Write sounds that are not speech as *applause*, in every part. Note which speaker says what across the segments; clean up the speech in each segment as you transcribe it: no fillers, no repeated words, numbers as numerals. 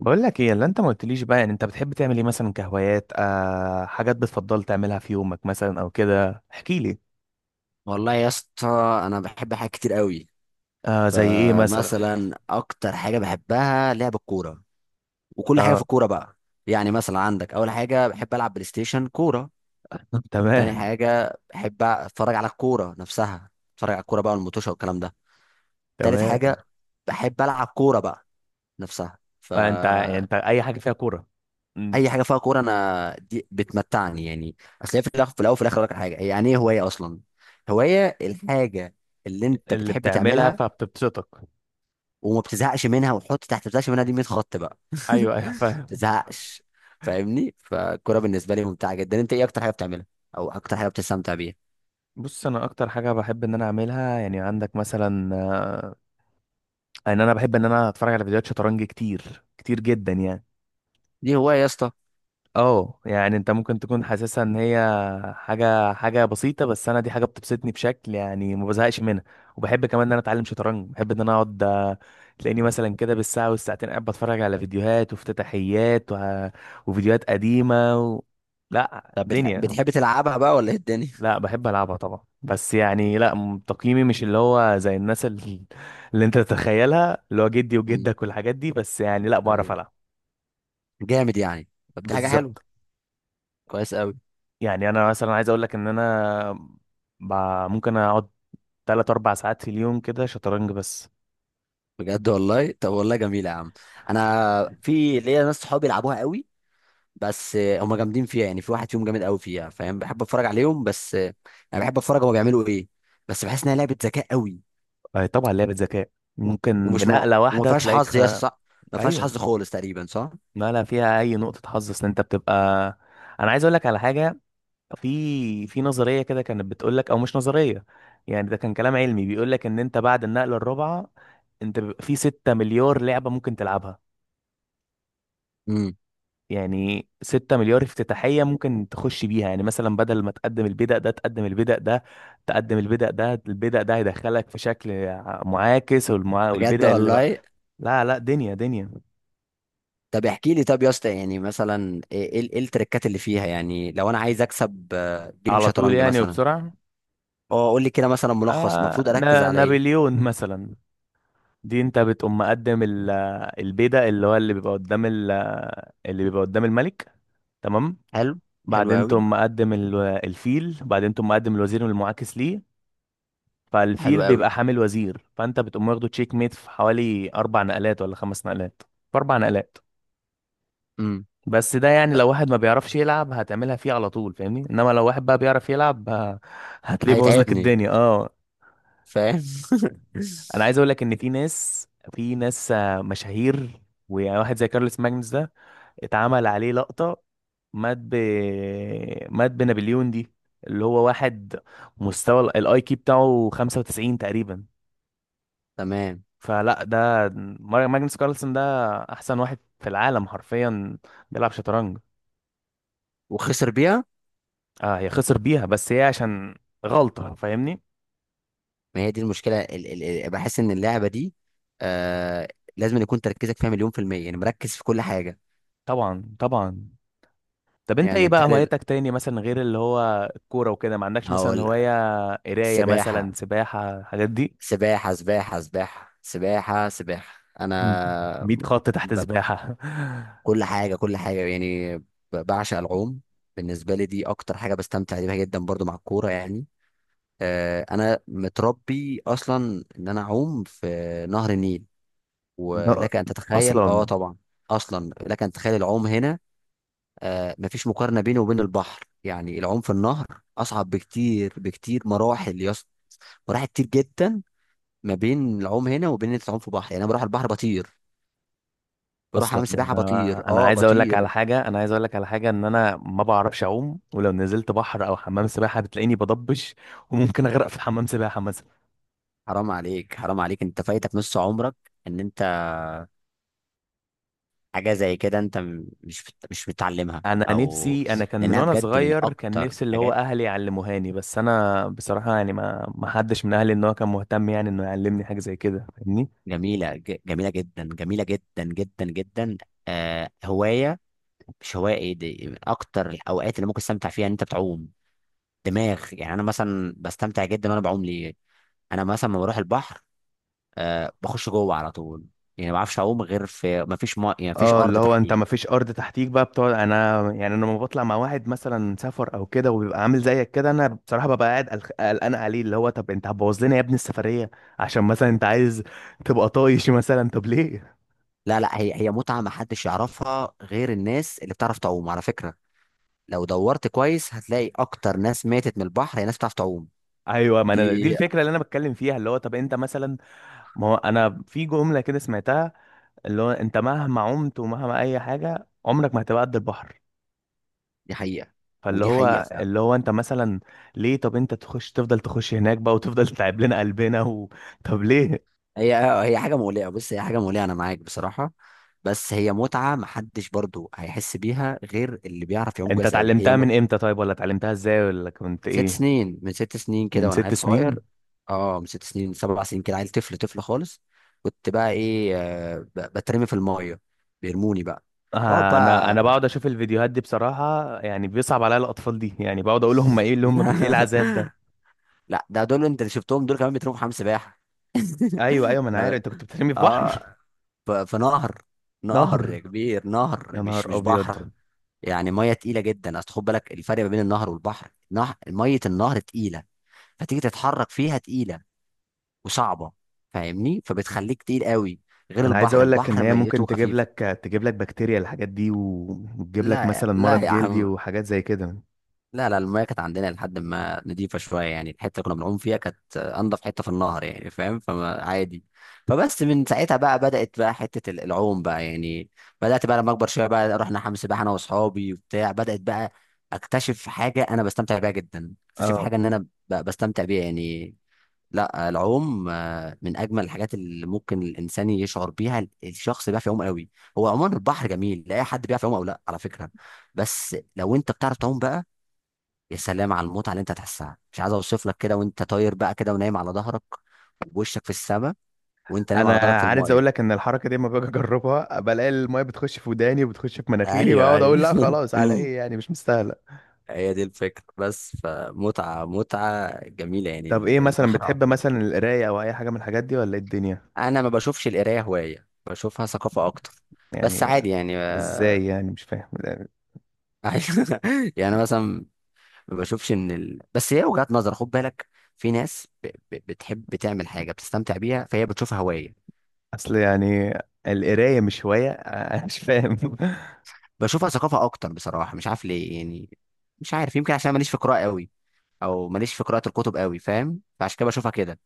Speaker 1: بقول لك ايه اللي انت ما قلتليش بقى؟ يعني انت بتحب تعمل ايه مثلا كهوايات؟ آه حاجات بتفضل تعملها في يومك مثلا او كده، احكي لي.
Speaker 2: والله يا اسطى، انا بحب حاجات كتير قوي.
Speaker 1: آه، زي ايه مثلا؟
Speaker 2: فمثلا اكتر حاجه بحبها لعب الكوره، وكل حاجه في
Speaker 1: اه.
Speaker 2: الكوره بقى. يعني مثلا عندك، اول حاجه بحب العب بلاي ستيشن كوره.
Speaker 1: *laughs*
Speaker 2: تاني
Speaker 1: تمام،
Speaker 2: حاجه بحب اتفرج على الكوره نفسها، اتفرج على الكوره بقى والموتوشه والكلام ده. تالت
Speaker 1: تمام.
Speaker 2: حاجه بحب العب كوره بقى نفسها.
Speaker 1: آه، انت
Speaker 2: فاي
Speaker 1: انت اي حاجه فيها كوره. م،
Speaker 2: حاجه فيها كوره انا دي بتمتعني يعني. اصل هي في الاخر، في الاول وفي الاخر أقول لك على حاجه، يعني ايه هوايه اصلا؟ هوايه الحاجه اللي انت
Speaker 1: اللي
Speaker 2: بتحب
Speaker 1: بتعملها
Speaker 2: تعملها،
Speaker 1: فبتبسطك.
Speaker 2: وما بتزهقش منها، وحط تحت بتزهقش منها، دي 100 خط بقى *laughs* ما
Speaker 1: ايوه، ايوه، فاهم.
Speaker 2: بتزهقش، فاهمني. فالكوره بالنسبه لي ممتعه جدا. انت ايه اكتر حاجه بتعملها او اكتر حاجه بتستمتع بيها؟
Speaker 1: بص، انا اكتر حاجه بحب ان انا اعملها، يعني عندك مثلا آه، ان انا بحب ان انا اتفرج على فيديوهات شطرنج كتير كتير جدا، يعني
Speaker 2: دي هوايه يا اسطى.
Speaker 1: اه. يعني انت ممكن تكون حاسسها ان هي حاجه بسيطه، بس انا دي حاجه بتبسطني بشكل، يعني ما بزهقش منها. وبحب كمان ان انا اتعلم شطرنج، بحب ان انا اقعد آه، تلاقيني مثلا كده بالساعه والساعتين قاعد بتفرج على فيديوهات وافتتاحيات وفيديوهات قديمه. لا
Speaker 2: طب بتح...
Speaker 1: دنيا.
Speaker 2: بتحب تلعبها بقى ولا ايه الدنيا؟ *laughs*
Speaker 1: لا، بحب العبها طبعا، بس يعني لا تقييمي مش اللي هو زي الناس اللي انت تتخيلها، اللي هو جدي
Speaker 2: امم.
Speaker 1: وجدك والحاجات دي، بس يعني لا، بعرف
Speaker 2: ايوه،
Speaker 1: العب.
Speaker 2: جامد يعني. طب دي حاجه حلوه،
Speaker 1: بالظبط.
Speaker 2: كويس قوي.
Speaker 1: يعني انا مثلا عايز اقول لك ان انا ب... ممكن اقعد 3 4 ساعات في اليوم كده شطرنج بس.
Speaker 2: بجد والله؟ طب والله جميله يا عم. انا في ليا ناس صحابي يلعبوها قوي، بس هم جامدين فيها. يعني في واحد فيهم جامد قوي فيها، فاهم؟ بحب اتفرج عليهم، بس انا بحب اتفرج هما بيعملوا ايه. بس بحس انها لعبه ذكاء قوي.
Speaker 1: آه، طبعا لعبة ذكاء، ممكن
Speaker 2: ومش م...
Speaker 1: بنقلة
Speaker 2: وما
Speaker 1: واحدة
Speaker 2: فيهاش
Speaker 1: تلاقيك
Speaker 2: حظ
Speaker 1: خ...
Speaker 2: يا اسطى، صح؟ ما فيهاش
Speaker 1: ايوه،
Speaker 2: حظ خالص تقريبا، صح؟
Speaker 1: نقلة فيها اي نقطة حظ، اصل انت بتبقى، انا عايز اقول لك على حاجة، في نظرية كده كانت بتقول لك، او مش نظرية، يعني ده كان كلام علمي بيقول لك ان انت بعد النقلة الرابعة انت بيبقى في 6 مليار لعبة ممكن تلعبها،
Speaker 2: امم.
Speaker 1: يعني 6 مليار افتتاحية ممكن تخش بيها. يعني مثلا بدل ما تقدم البدأ ده، تقدم البدأ ده، تقدم البدأ ده، البدأ ده هيدخلك في شكل معاكس،
Speaker 2: بجد
Speaker 1: والبدأ اللي بقى.
Speaker 2: والله؟
Speaker 1: لا لا، دنيا دنيا.
Speaker 2: طب احكي لي، طب يا اسطى، يعني مثلا ايه ايه إيه التريكات اللي فيها؟ يعني لو انا عايز اكسب جيم
Speaker 1: على طول
Speaker 2: شطرنج
Speaker 1: يعني،
Speaker 2: مثلا.
Speaker 1: وبسرعة.
Speaker 2: اه قول لي كده مثلا ملخص، المفروض
Speaker 1: آه
Speaker 2: اركز
Speaker 1: ن...
Speaker 2: على ايه؟
Speaker 1: نابليون مثلا. دي انت بتقوم مقدم البدأ اللي هو اللي بيبقى قدام اللي بيبقى قدام الملك، تمام.
Speaker 2: حلو. حلو
Speaker 1: بعدين
Speaker 2: قوي.
Speaker 1: تقوم مقدم الفيل، بعدين تقوم مقدم الوزير المعاكس ليه،
Speaker 2: حلو
Speaker 1: فالفيل بيبقى
Speaker 2: قوي.
Speaker 1: حامل وزير، فانت بتقوم واخده تشيك ميت في حوالي اربع نقلات ولا خمس نقلات. في اربع نقلات.
Speaker 2: امم.
Speaker 1: بس ده يعني لو واحد ما بيعرفش يلعب هتعملها فيه على طول، فاهمني، انما لو واحد بقى بيعرف يلعب هتلاقيه بوظ لك
Speaker 2: هيتعبني،
Speaker 1: الدنيا، اه.
Speaker 2: فاهم. *laughs*
Speaker 1: انا عايز اقول لك ان في ناس، في ناس آه، مشاهير، وواحد زي كارلوس ماجنس ده اتعمل عليه لقطة، مات ب مات بنابليون دي، اللي هو واحد مستوى الاي كيو بتاعه 95 تقريبا.
Speaker 2: تمام.
Speaker 1: فلا، ده ماجنس كارلسن ده احسن واحد في العالم حرفيا بيلعب شطرنج.
Speaker 2: وخسر بيها؟
Speaker 1: اه، هي خسر بيها، بس هي عشان غلطة، فاهمني.
Speaker 2: ما هي دي المشكله، ال ال ال بحس ان اللعبه دي، آه، لازم يكون تركيزك فيها مليون في المية، يعني مركز في كل حاجة.
Speaker 1: طبعا، طبعا. طب انت ايه
Speaker 2: يعني
Speaker 1: بقى
Speaker 2: بتقلل.
Speaker 1: هوايتك تاني، مثلا غير اللي هو الكورة وكده؟ ما عندكش مثلا
Speaker 2: هقول
Speaker 1: هواية
Speaker 2: لك.
Speaker 1: قراية مثلا،
Speaker 2: سباحة
Speaker 1: سباحة، الحاجات دي؟
Speaker 2: سباحة سباحة سباحة سباحة سباحة.
Speaker 1: 100 خط تحت
Speaker 2: ب...
Speaker 1: سباحة.
Speaker 2: كل حاجة كل حاجة يعني بعشق العوم. بالنسبة لي دي أكتر حاجة بستمتع بيها جدا، برضو مع الكورة يعني. أنا متربي أصلا إن أنا أعوم في نهر النيل،
Speaker 1: *laughs* لا،
Speaker 2: ولك أن تتخيل. أه
Speaker 1: اصلا،
Speaker 2: طبعا. أصلا لك أن تتخيل العوم هنا. مفيش مقارنة بينه وبين البحر. يعني العوم في النهر أصعب بكتير بكتير مراحل، مراحل كتير جدا ما بين العوم هنا وبين ان انت تعوم في بحر. يعني انا بروح البحر بطير، بروح
Speaker 1: اصلا،
Speaker 2: اعمل سباحه بطير،
Speaker 1: انا
Speaker 2: اه
Speaker 1: عايز اقول لك على
Speaker 2: بطير.
Speaker 1: حاجه، انا عايز اقول لك على حاجه، ان انا ما بعرفش اعوم، ولو نزلت بحر او حمام سباحه بتلاقيني بضبش، وممكن اغرق في حمام سباحه مثلا.
Speaker 2: حرام عليك، حرام عليك، انت فايتك نص عمرك. ان انت حاجه زي كده انت مش متعلمها
Speaker 1: انا
Speaker 2: او...
Speaker 1: نفسي، انا كان من
Speaker 2: لانها
Speaker 1: وانا
Speaker 2: بجد من
Speaker 1: صغير كان
Speaker 2: اكتر
Speaker 1: نفسي اللي هو
Speaker 2: حاجات
Speaker 1: اهلي يعلموهاني، بس انا بصراحه يعني ما حدش من اهلي ان هو كان مهتم يعني انه يعلمني حاجه زي كده، فاهمني.
Speaker 2: جميله، جميله جدا، جميله جدا جدا جدا. آه هوايه، مش هوايه، ايه دي؟ من اكتر الاوقات اللي ممكن تستمتع فيها ان انت بتعوم. دماغ يعني، انا مثلا بستمتع جدا وانا بعوم، ليه؟ انا مثلا لما بروح البحر، آه، بخش جوه على طول. يعني ما بعرفش اعوم غير في ما فيش
Speaker 1: اه،
Speaker 2: ارض
Speaker 1: اللي هو انت
Speaker 2: تحتي.
Speaker 1: ما فيش ارض تحتيك بقى بتقعد، انا يعني انا لما بطلع مع واحد مثلا سفر او كده وبيبقى عامل زيك كده، انا بصراحه ببقى قاعد قلقان عليه، اللي هو طب انت هتبوظ لنا يا ابني السفريه؟ عشان مثلا انت عايز تبقى طايش مثلا، طب ليه؟
Speaker 2: لا لا، هي متعه ما حدش يعرفها غير الناس اللي بتعرف تعوم، على فكره. لو دورت كويس هتلاقي اكتر ناس ماتت من البحر هي ناس بتعرف تعوم.
Speaker 1: ايوه، ما انا دي
Speaker 2: دي
Speaker 1: الفكره اللي انا بتكلم فيها، اللي هو طب انت مثلا، ما هو انا في جمله كده سمعتها، اللي هو انت مهما عمت ومهما اي حاجه عمرك ما هتبقى قد البحر.
Speaker 2: دي حقيقه.
Speaker 1: فاللي
Speaker 2: ودي حقيقه
Speaker 1: هو
Speaker 2: فعلا.
Speaker 1: اللي هو انت مثلا ليه؟ طب انت تخش، تفضل تخش هناك بقى، وتفضل *laughs* تتعب لنا قلبنا طب ليه؟
Speaker 2: هي هي حاجه مولعه، بص هي حاجه مولعه، انا معاك بصراحه. بس هي متعه ما حدش برضو هيحس بيها غير اللي بيعرف يعوم
Speaker 1: انت
Speaker 2: كويس قوي، هي.
Speaker 1: اتعلمتها من امتى طيب؟ ولا اتعلمتها ازاي؟ ولا كنت
Speaker 2: ست
Speaker 1: ايه؟
Speaker 2: سنين، من ست سنين
Speaker 1: من
Speaker 2: كده وانا
Speaker 1: ست
Speaker 2: عيل صغير.
Speaker 1: سنين.
Speaker 2: اه من ست سنين سبع سنين كده، عيل طفل طفل خالص. كنت بقى ايه، بترمي في الميه، بيرموني بقى. واقعد
Speaker 1: آه، انا بقعد
Speaker 2: بقى.
Speaker 1: اشوف الفيديوهات دي بصراحة، يعني بيصعب عليا الاطفال دي، يعني بقعد اقول هم ايه اللي هم ايه العذاب ده.
Speaker 2: *laughs* لا ده دول انت اللي شفتهم دول كمان بيترموا في حمام سباحه.
Speaker 1: ايوه،
Speaker 2: *laughs*
Speaker 1: ايوه، ما انا
Speaker 2: انا
Speaker 1: عارف
Speaker 2: ب-
Speaker 1: انت كنت بترمي في بحر.
Speaker 2: اه ف- في نهر.
Speaker 1: *laughs*
Speaker 2: نهر
Speaker 1: نهر.
Speaker 2: يا كبير، نهر،
Speaker 1: يا نهار
Speaker 2: مش
Speaker 1: ابيض.
Speaker 2: بحر. يعني ميه تقيله جدا، اصل خد بالك الفرق ما بين النهر والبحر. نهر، ميه النهر تقيله، فتيجي تتحرك فيها تقيله وصعبه، فاهمني؟ فبتخليك تقيل قوي، غير
Speaker 1: انا عايز
Speaker 2: البحر،
Speaker 1: اقول لك ان
Speaker 2: البحر
Speaker 1: هي ممكن
Speaker 2: ميته
Speaker 1: تجيب
Speaker 2: خفيف.
Speaker 1: لك، تجيب لك بكتيريا، الحاجات دي، وتجيب لك
Speaker 2: لا
Speaker 1: مثلا
Speaker 2: لا
Speaker 1: مرض
Speaker 2: يا
Speaker 1: جلدي
Speaker 2: عم،
Speaker 1: وحاجات زي كده.
Speaker 2: لا لا، المايه كانت عندنا لحد ما نضيفه شويه، يعني الحته اللي كنا بنعوم فيها كانت انضف حته في النهر يعني، فاهم؟ فما عادي. فبس من ساعتها بقى بدات بقى حته العوم بقى يعني، بدات بقى لما اكبر شويه بقى، رحنا حمام سباحه انا واصحابي وبتاع. بدات بقى اكتشف حاجه انا بستمتع بيها جدا، اكتشف
Speaker 1: اه،
Speaker 2: حاجه ان انا بستمتع بيها يعني. لا العوم، آه، من اجمل الحاجات اللي ممكن الانسان يشعر بيها، الشخص بيعرف يعوم قوي. هو عموما البحر جميل، لا اي حد بيعرف يعوم او لا، على فكره. بس لو انت بتعرف تعوم بقى، يا سلام على المتعه اللي انت هتحسها. مش عايز اوصف لك، كده وانت طاير بقى كده ونايم على ظهرك ووشك في السماء، وانت نايم
Speaker 1: انا
Speaker 2: على ظهرك في
Speaker 1: عايز اقول
Speaker 2: المايه.
Speaker 1: لك ان الحركه دي لما باجي اجربها بلاقي الميه بتخش في وداني وبتخش في مناخيري،
Speaker 2: ايوه
Speaker 1: بقعد
Speaker 2: ايوه.
Speaker 1: اقول لا خلاص، على
Speaker 2: *laughs*
Speaker 1: ايه يعني؟ مش مستاهله.
Speaker 2: هي دي الفكره بس، فمتعه، متعه جميله يعني.
Speaker 1: طب ايه مثلا
Speaker 2: البحر
Speaker 1: بتحب؟
Speaker 2: عموما.
Speaker 1: مثلا القرايه او اي حاجه من الحاجات دي، ولا ايه الدنيا؟
Speaker 2: انا ما بشوفش القرايه هوايه، بشوفها ثقافه اكتر. بس
Speaker 1: يعني
Speaker 2: عادي يعني.
Speaker 1: ازاي يعني؟ مش فاهم.
Speaker 2: أيوة. *laughs* يعني مثلا، ما بشوفش ان ال... بس هي وجهات نظر خد بالك. في ناس بتحب تعمل حاجه بتستمتع بيها فهي بتشوفها هوايه.
Speaker 1: اصل يعني القرايه مش هوايه؟ *laughs* انا مش فاهم.
Speaker 2: بشوفها ثقافه اكتر بصراحه، مش عارف ليه يعني، مش عارف. يمكن عشان ماليش في قراءه قوي، او ماليش في قراءه الكتب قوي، فاهم؟ فعشان كده بشوفها كده.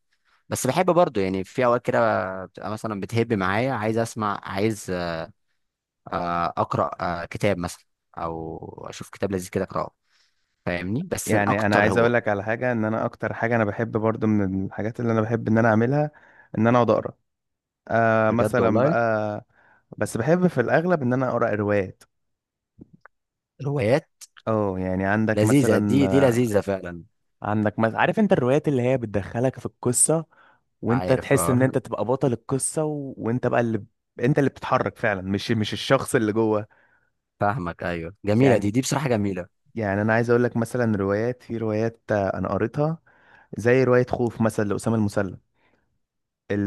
Speaker 2: بس بحب برضو، يعني في اوقات كده بتبقى مثلا بتهب معايا، عايز اسمع، عايز، اقرا كتاب مثلا، او اشوف كتاب لذيذ كده اقراه، فاهمني؟
Speaker 1: *laughs*
Speaker 2: بس أنا
Speaker 1: يعني انا
Speaker 2: اكتر
Speaker 1: عايز
Speaker 2: هو...
Speaker 1: اقول لك على حاجه، ان انا اكتر حاجه انا بحب برضو من الحاجات اللي انا بحب ان انا اعملها، ان انا اقعد اقرا آه،
Speaker 2: بجد
Speaker 1: مثلا
Speaker 2: والله؟
Speaker 1: بقى، بس بحب في الاغلب ان انا اقرا روايات.
Speaker 2: الروايات
Speaker 1: اه، يعني عندك
Speaker 2: لذيذة،
Speaker 1: مثلا،
Speaker 2: دي لذيذة فعلا.
Speaker 1: عندك مثلا، عارف انت الروايات اللي هي بتدخلك في القصة، وانت
Speaker 2: عارف،
Speaker 1: تحس ان
Speaker 2: اه.
Speaker 1: انت تبقى بطل القصة وانت بقى اللي، انت اللي بتتحرك فعلا، مش الشخص اللي جوه،
Speaker 2: *laughs* فاهمك، ايوه جميلة،
Speaker 1: يعني.
Speaker 2: دي بصراحة جميلة.
Speaker 1: يعني انا عايز اقول لك مثلا، روايات، في روايات آه، انا قريتها زي رواية خوف مثلا لأسامة المسلم.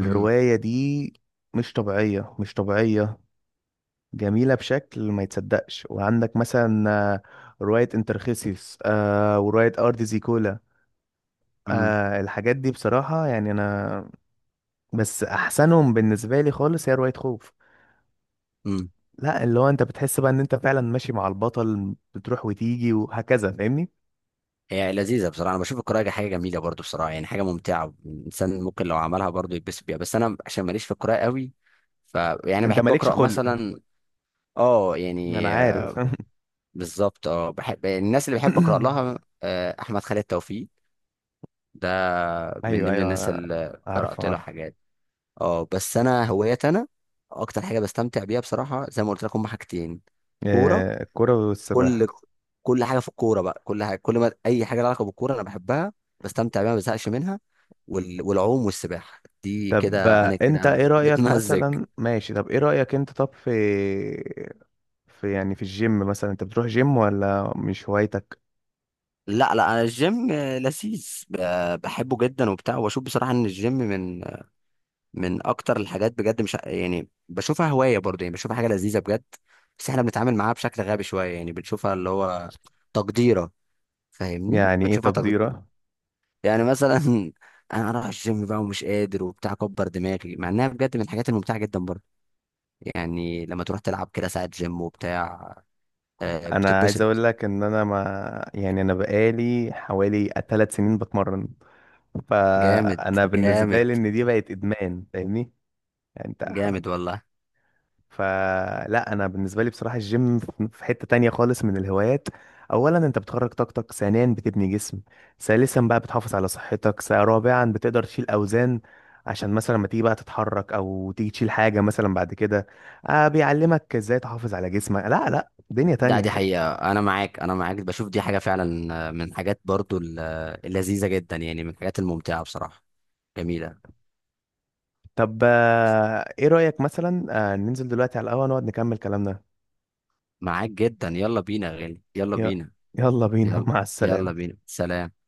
Speaker 2: امم.
Speaker 1: دي مش طبيعية، مش طبيعية، جميلة بشكل ما يتصدقش. وعندك مثلا آه، رواية انترخيسيوس، آه ورواية ارض زيكولا،
Speaker 2: امم.
Speaker 1: آه الحاجات دي بصراحة، يعني أنا بس احسنهم بالنسبه لي خالص هي روايه خوف.
Speaker 2: امم.
Speaker 1: لا، اللي هو انت بتحس بقى ان انت فعلا ماشي مع البطل، بتروح وتيجي وهكذا، فاهمني.
Speaker 2: هي لذيذة بصراحة، انا بشوف القراءة حاجة جميلة برضو بصراحة، يعني حاجة ممتعة، الانسان ممكن لو عملها برضو يتبسط بيها، بس انا عشان ماليش في القراءة قوي، ف... يعني
Speaker 1: انت
Speaker 2: بحب
Speaker 1: مالكش
Speaker 2: اقرا
Speaker 1: خلق،
Speaker 2: مثلا. اه
Speaker 1: انا
Speaker 2: يعني،
Speaker 1: عارف. *laughs*
Speaker 2: بالظبط، اه بحب الناس اللي بحب اقرا لها، احمد خالد توفيق ده من
Speaker 1: ايوه،
Speaker 2: ضمن الناس
Speaker 1: ايوه،
Speaker 2: اللي
Speaker 1: عارف،
Speaker 2: قرات لها
Speaker 1: عارف.
Speaker 2: حاجات. اه بس انا هوايات انا، اكتر حاجه بستمتع بيها بصراحه زي ما قلت لكم هما حاجتين. كوره،
Speaker 1: آه، الكرة
Speaker 2: كل
Speaker 1: والسباحة.
Speaker 2: كل حاجه في الكوره بقى، كل حاجه، كل ما اي حاجه لها علاقه بالكوره انا بحبها، بستمتع بيها، ما بزهقش منها. وال... والعوم والسباحه دي
Speaker 1: طب
Speaker 2: كده،
Speaker 1: آه،
Speaker 2: انا
Speaker 1: انت
Speaker 2: كده
Speaker 1: ايه رأيك
Speaker 2: متمزج.
Speaker 1: مثلا؟ ماشي، طب ايه رأيك انت؟ طب في، في يعني في الجيم مثلا، انت بتروح جيم ولا مش هوايتك؟
Speaker 2: لا لا، انا الجيم لذيذ، بحبه جدا وبتاع. واشوف بصراحه ان الجيم من من اكتر الحاجات بجد، مش يعني بشوفها هوايه برضه، يعني بشوفها حاجه لذيذه بجد. بس احنا بنتعامل معاها بشكل غبي شويه، يعني بنشوفها اللي هو تقديره، فاهمني؟
Speaker 1: يعني ايه تقديرك؟
Speaker 2: يعني مثلا *laughs* انا رايح الجيم بقى ومش قادر وبتاع، كبر دماغي، مع انها بجد من الحاجات الممتعه جدا برضه. يعني لما تروح تلعب كده ساعه جيم وبتاع،
Speaker 1: انا عايز
Speaker 2: بتتبسط.
Speaker 1: اقول لك ان انا، ما يعني انا بقالي حوالي ثلاث سنين بتمرن،
Speaker 2: جامد.
Speaker 1: فانا بالنسبه
Speaker 2: جامد.
Speaker 1: لي ان دي بقت ادمان، فاهمني. يعني
Speaker 2: جامد والله.
Speaker 1: فلا، انا بالنسبه لي بصراحه الجيم في حته تانية خالص من الهوايات. اولا، انت بتخرج طاقتك، ثانيا، بتبني جسم، ثالثا بقى بتحافظ على صحتك، رابعا، بتقدر تشيل اوزان، عشان مثلا لما تيجي بقى تتحرك، او تيجي تشيل حاجه مثلا بعد كده، آه بيعلمك ازاي تحافظ على جسمك. لا لا، دنيا
Speaker 2: ده
Speaker 1: تانية.
Speaker 2: دي حقيقه، انا معاك انا معاك، بشوف دي حاجه فعلا، من الحاجات برضه اللذيذه جدا يعني، من الحاجات الممتعه بصراحه. جميله.
Speaker 1: طب آه، ايه رأيك مثلا، آه، ننزل دلوقتي على القهوة نقعد نكمل كلامنا؟
Speaker 2: معاك جدا، يلا بينا يا غالي، يلا
Speaker 1: ي-
Speaker 2: بينا.
Speaker 1: يلا بينا. *laughs*
Speaker 2: يلا.
Speaker 1: مع
Speaker 2: يلا
Speaker 1: السلامة.
Speaker 2: بينا، سلام.